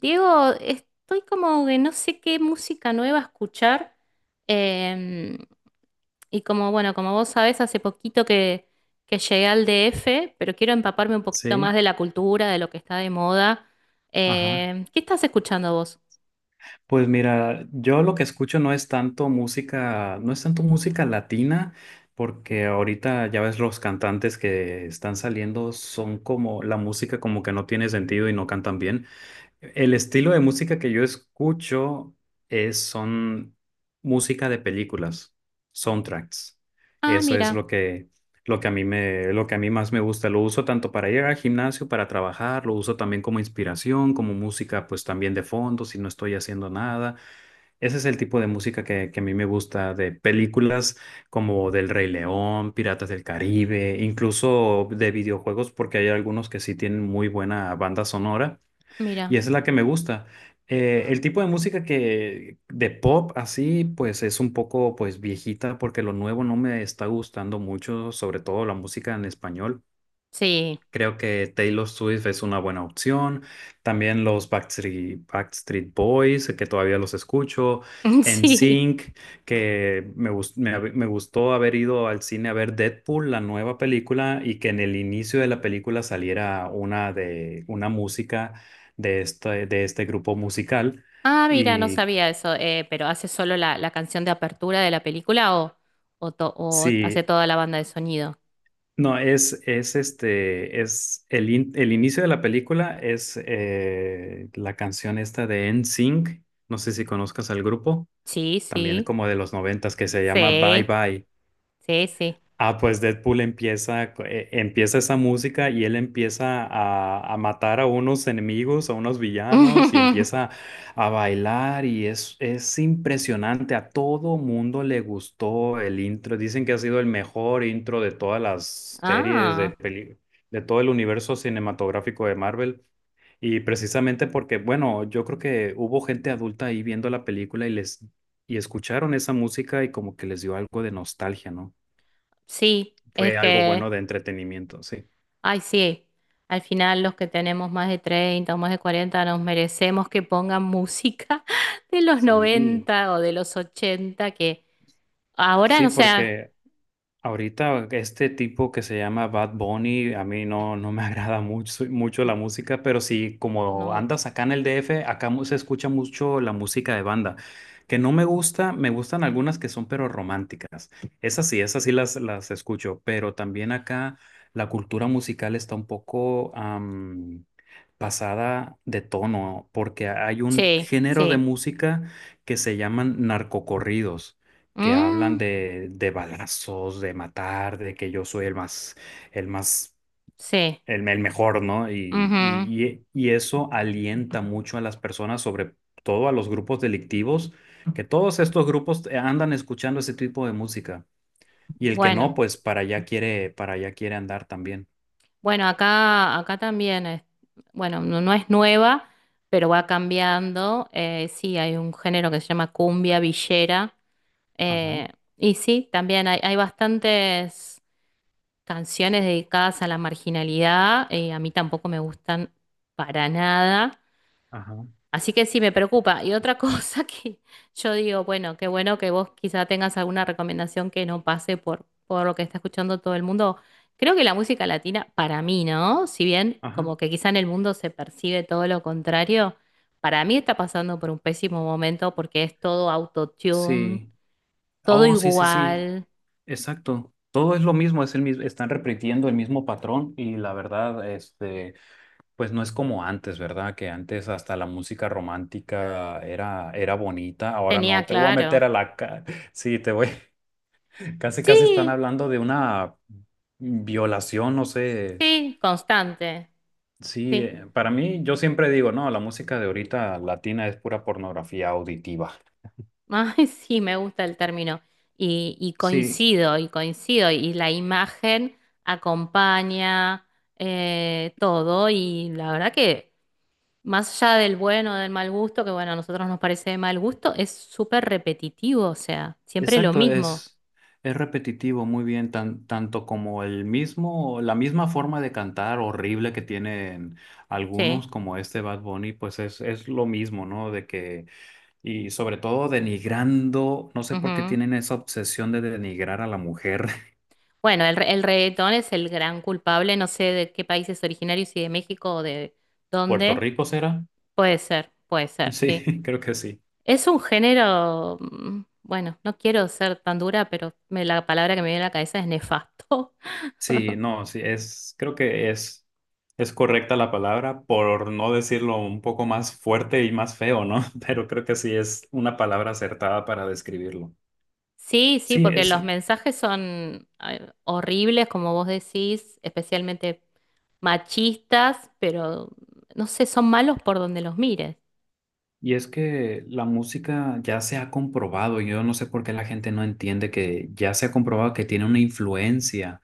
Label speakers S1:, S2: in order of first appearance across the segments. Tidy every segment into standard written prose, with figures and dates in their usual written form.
S1: Diego, estoy como que no sé qué música nueva escuchar. em, y como, bueno, como vos sabés, que llegué al DF, pero quiero empaparme un poquito más
S2: Sí,
S1: de la cultura, de lo que está de moda.
S2: ajá.
S1: ¿Qué estás escuchando vos?
S2: Pues mira, yo lo que escucho no es tanto música, no es tanto música latina, porque ahorita ya ves los cantantes que están saliendo son como la música como que no tiene sentido y no cantan bien. El estilo de música que yo escucho es, son música de películas, soundtracks.
S1: Ah,
S2: Eso es
S1: mira,
S2: lo que a mí me, lo que a mí más me gusta. Lo uso tanto para ir al gimnasio, para trabajar, lo uso también como inspiración, como música, pues también de fondo, si no estoy haciendo nada. Ese es el tipo de música que a mí me gusta de películas como del Rey León, Piratas del Caribe, incluso de videojuegos, porque hay algunos que sí tienen muy buena banda sonora y
S1: mira.
S2: esa es la que me gusta. El tipo de música que de pop así, pues es un poco pues viejita porque lo nuevo no me está gustando mucho, sobre todo la música en español.
S1: Sí,
S2: Creo que Taylor Swift es una buena opción. También los Backstreet, Backstreet Boys, que todavía los escucho.
S1: sí.
S2: NSYNC, que me gustó haber ido al cine a ver Deadpool, la nueva película, y que en el inicio de la película saliera una, de, una música de este grupo musical.
S1: Ah, mira, no
S2: Y
S1: sabía eso. Pero ¿hace solo la canción de apertura de la película o, o hace
S2: sí.
S1: toda la banda de sonido?
S2: No, es este, es el, el inicio de la película es la canción esta de NSYNC. No sé si conozcas al grupo,
S1: Sí,
S2: también
S1: sí.
S2: como de los noventas, que se llama Bye
S1: Sí,
S2: Bye.
S1: sí, sí.
S2: Ah, pues Deadpool empieza, empieza esa música y él empieza a matar a unos enemigos, a unos villanos y empieza a bailar y es impresionante. A todo mundo le gustó el intro. Dicen que ha sido el mejor intro de todas las series de
S1: Ah,
S2: peli, de todo el universo cinematográfico de Marvel. Y precisamente porque, bueno, yo creo que hubo gente adulta ahí viendo la película y les y escucharon esa música y como que les dio algo de nostalgia, ¿no?
S1: sí, es
S2: Fue algo bueno
S1: que,
S2: de entretenimiento, sí.
S1: ay, sí, al final los que tenemos más de 30 o más de 40 nos merecemos que pongan música de los
S2: Sí,
S1: 90 o de los 80 que ahora,
S2: sí,
S1: no sea,
S2: porque ahorita este tipo que se llama Bad Bunny, a mí no, no me agrada mucho, mucho la
S1: n-
S2: música, pero sí, como
S1: no,
S2: andas acá en el DF, acá se escucha mucho la música de banda, que no me gusta, me gustan algunas que son pero románticas. Esas sí las escucho, pero también acá la cultura musical está un poco pasada de tono, porque hay un
S1: sí,
S2: género de
S1: sí,
S2: música que se llaman narcocorridos que hablan
S1: mm,
S2: de balazos, de matar, de que yo soy el más, el más,
S1: sí,
S2: el mejor, ¿no? Y,
S1: ujú.
S2: y, y y eso alienta mucho a las personas, sobre todo a los grupos delictivos, que todos estos grupos andan escuchando ese tipo de música. Y el que no,
S1: Bueno,
S2: pues para allá quiere andar también.
S1: bueno, acá, acá también es, bueno, no, no es nueva, pero va cambiando, sí, hay un género que se llama cumbia villera.
S2: Ajá,
S1: Eh, y sí, también hay bastantes canciones dedicadas a la marginalidad. A mí tampoco me gustan para nada.
S2: ajá,
S1: Así que sí, me preocupa. Y otra cosa que yo digo, bueno, qué bueno que vos quizá tengas alguna recomendación que no pase por lo que está escuchando todo el mundo. Creo que la música latina, para mí, ¿no? Si bien como
S2: ajá.
S1: que quizá en el mundo se percibe todo lo contrario, para mí está pasando por un pésimo momento porque es todo autotune,
S2: Sí.
S1: todo
S2: Oh, sí, sí, sí.
S1: igual.
S2: Exacto. Todo es lo mismo, es el mismo, están repitiendo el mismo patrón y la verdad, este, pues no es como antes, ¿verdad? Que antes hasta la música romántica era, era bonita, ahora
S1: Tenía
S2: no, te voy a meter
S1: claro.
S2: a la... ca- Sí, te voy... Casi, casi están
S1: Sí,
S2: hablando de una violación, no sé.
S1: sí, constante.
S2: Sí,
S1: Sí.
S2: para mí yo siempre digo, no, la música de ahorita latina es pura pornografía auditiva.
S1: Ay, sí, me gusta el término. Y
S2: Sí,
S1: coincido, y coincido. Y la imagen acompaña todo. Y la verdad que, más allá del bueno o del mal gusto, que bueno, a nosotros nos parece de mal gusto, es súper repetitivo. O sea, siempre lo
S2: exacto,
S1: mismo.
S2: es repetitivo, muy bien, tanto como el mismo, la misma forma de cantar horrible que tienen algunos,
S1: Sí.
S2: como este Bad Bunny, pues es lo mismo, ¿no? De que, y sobre todo denigrando, no sé por qué
S1: Ujú.
S2: tienen esa obsesión de denigrar a la mujer.
S1: Bueno, el reggaetón es el gran culpable. No sé de qué país es originario, si de México o de
S2: ¿Puerto
S1: dónde.
S2: Rico será?
S1: Puede ser,
S2: Sí,
S1: sí.
S2: creo que sí.
S1: Es un género, mm, bueno, no quiero ser tan dura, pero la palabra que me viene a la cabeza es nefasto.
S2: Sí, no, sí, es, creo que es correcta la palabra, por no decirlo un poco más fuerte y más feo, ¿no? Pero creo que sí es una palabra acertada para describirlo.
S1: Sí, sí,
S2: Sí,
S1: porque
S2: es,
S1: los mensajes son horribles, como vos decís, especialmente machistas, pero no sé, son malos por donde los mires.
S2: y es que la música ya se ha comprobado, yo no sé por qué la gente no entiende que ya se ha comprobado que tiene una influencia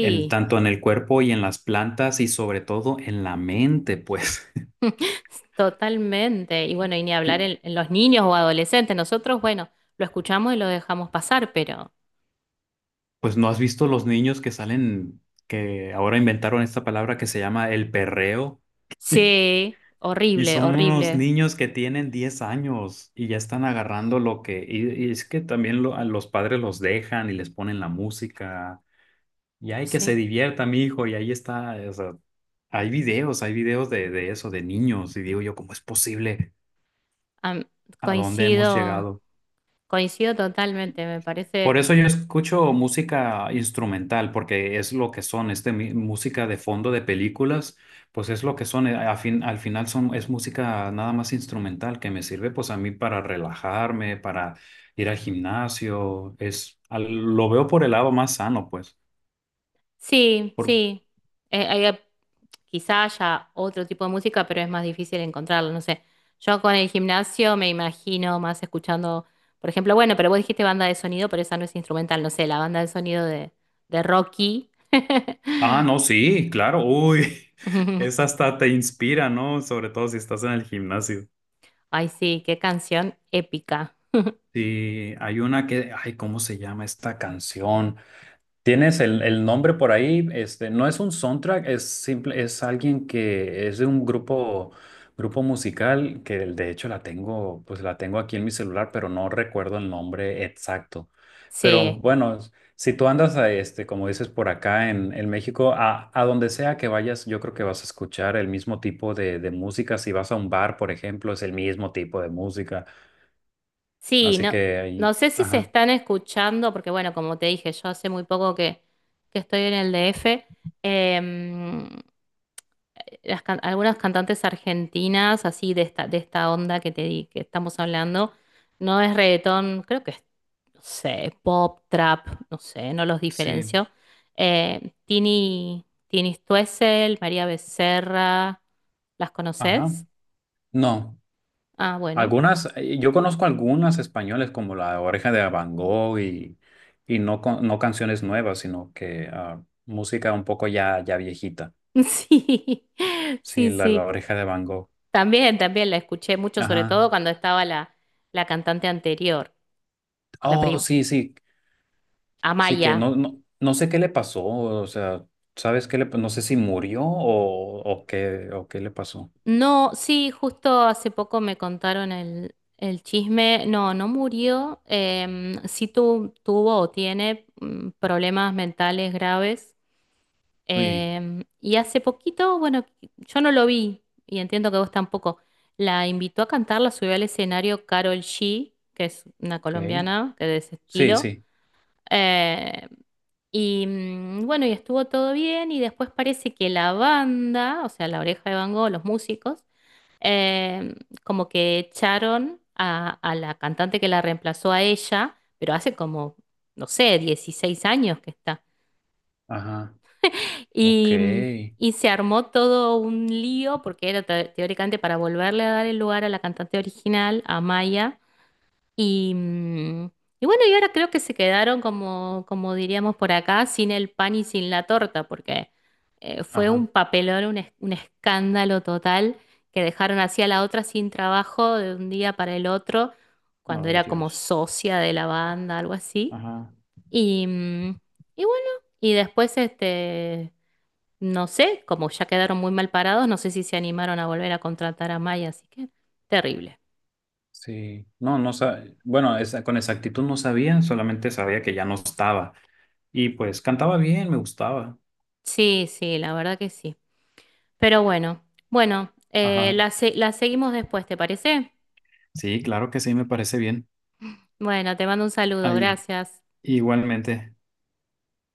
S2: en tanto en el cuerpo y en las plantas y sobre todo en la mente, pues.
S1: totalmente. Y bueno, y ni hablar en los niños o adolescentes. Nosotros, bueno, lo escuchamos y lo dejamos pasar, pero
S2: Pues no has visto los niños que salen, que ahora inventaron esta palabra que se llama el perreo.
S1: sí,
S2: Y
S1: horrible,
S2: son unos
S1: horrible.
S2: niños que tienen 10 años y ya están agarrando lo que... Y, y es que también a los padres los dejan y les ponen la música. Y hay que se
S1: Sí.
S2: divierta, mi hijo. Y ahí está, o sea, hay videos de eso, de niños. Y digo yo, ¿cómo es posible?
S1: Am-
S2: ¿A dónde hemos
S1: Coincido,
S2: llegado?
S1: coincido totalmente, me
S2: Por
S1: parece.
S2: eso yo escucho música instrumental, porque es lo que son, este, música de fondo de películas, pues es lo que son, al final son, es música nada más instrumental que me sirve pues a mí para relajarme, para ir al gimnasio, es, lo veo por el lado más sano, pues.
S1: Sí,
S2: Por,
S1: sí. Eh, hay- Quizá haya otro tipo de música, pero es más difícil encontrarlo, no sé. Yo con el gimnasio me imagino más escuchando, por ejemplo, bueno, pero vos dijiste banda de sonido, pero esa no es instrumental, no sé, la banda de sonido de Rocky.
S2: ah, no, sí, claro, uy, es hasta te inspira, ¿no? Sobre todo si estás en el gimnasio.
S1: Ay, sí, qué canción épica.
S2: Sí, hay una que, ay, ¿cómo se llama esta canción? Tienes el nombre por ahí, este, no es un soundtrack, es simple, es alguien que es de un grupo, grupo musical que de hecho la tengo, pues la tengo aquí en mi celular, pero no recuerdo el nombre exacto. Pero
S1: Sí,
S2: bueno, si tú andas a este, como dices, por acá en México, a donde sea que vayas, yo creo que vas a escuchar el mismo tipo de música. Si vas a un bar, por ejemplo, es el mismo tipo de música.
S1: sí,
S2: Así
S1: no,
S2: que ahí,
S1: no sé si se
S2: ajá,
S1: están escuchando, porque bueno, como te dije, yo hace muy poco que estoy en el DF. em, las algunas cantantes argentinas, así de esta onda que te di, que estamos hablando, no es reggaetón, creo que es, no sé, pop, trap, no sé, no los
S2: sí.
S1: diferencio. Tini, Tini Stoessel, María Becerra, ¿las
S2: Ajá,
S1: conoces?
S2: no.
S1: Ah, bueno.
S2: Algunas, yo conozco algunas españoles como La Oreja de Van Gogh y no, no canciones nuevas, sino que ah, música un poco ya, ya viejita.
S1: Sí,
S2: Sí,
S1: sí,
S2: la, La
S1: sí.
S2: Oreja de Van Gogh.
S1: También, también la escuché mucho, sobre
S2: Ajá.
S1: todo cuando estaba la cantante anterior, la
S2: Oh,
S1: prim-
S2: sí, sí. Sí que
S1: Amaya.
S2: no, no, no sé qué le pasó. O sea, ¿sabes qué no sé si murió o qué le pasó.
S1: No, sí, justo hace poco me contaron el chisme. No, no murió. Sí tuvo o tiene mm, problemas mentales graves.
S2: Uy,
S1: Y hace poquito, bueno, yo no lo vi y entiendo que vos tampoco. La invitó a cantar, la subió al escenario Carol G, que es una
S2: ok.
S1: colombiana que de ese
S2: Sí,
S1: estilo.
S2: sí.
S1: Eh, Y mm, bueno, y estuvo todo bien y después parece que la banda, o sea, la Oreja de Van Gogh, los músicos, em, como que echaron a la cantante que la reemplazó a ella, pero hace como, no sé, 16 años que está.
S2: Ajá. Ok.
S1: Y, mm, y se armó todo un lío porque era teóricamente para volverle a dar el lugar a la cantante original, a Maya y, mm, y bueno, y ahora creo que se quedaron como, como diríamos por acá, sin el pan y sin la torta, porque fue
S2: Ajá.
S1: un papelón, un escándalo total, que dejaron así a la otra sin trabajo de un día para el otro, cuando
S2: Ay,
S1: era como
S2: Dios.
S1: socia de la banda, algo así.
S2: Ajá.
S1: Y, mm, y bueno, y después, este, no sé, como ya quedaron muy mal parados, no sé si se animaron a volver a contratar a Maya, así que terrible.
S2: Sí, no, no sabía, bueno, esa, con exactitud no sabía, solamente sabía que ya no estaba. Y pues cantaba bien, me gustaba.
S1: Sí, sí, la verdad que sí. Pero bueno, bueno,
S2: Ajá.
S1: la seguimos después, ¿te parece?
S2: Sí, claro que sí, me parece bien.
S1: Bueno, te mando un saludo,
S2: Ahí,
S1: gracias.
S2: igualmente.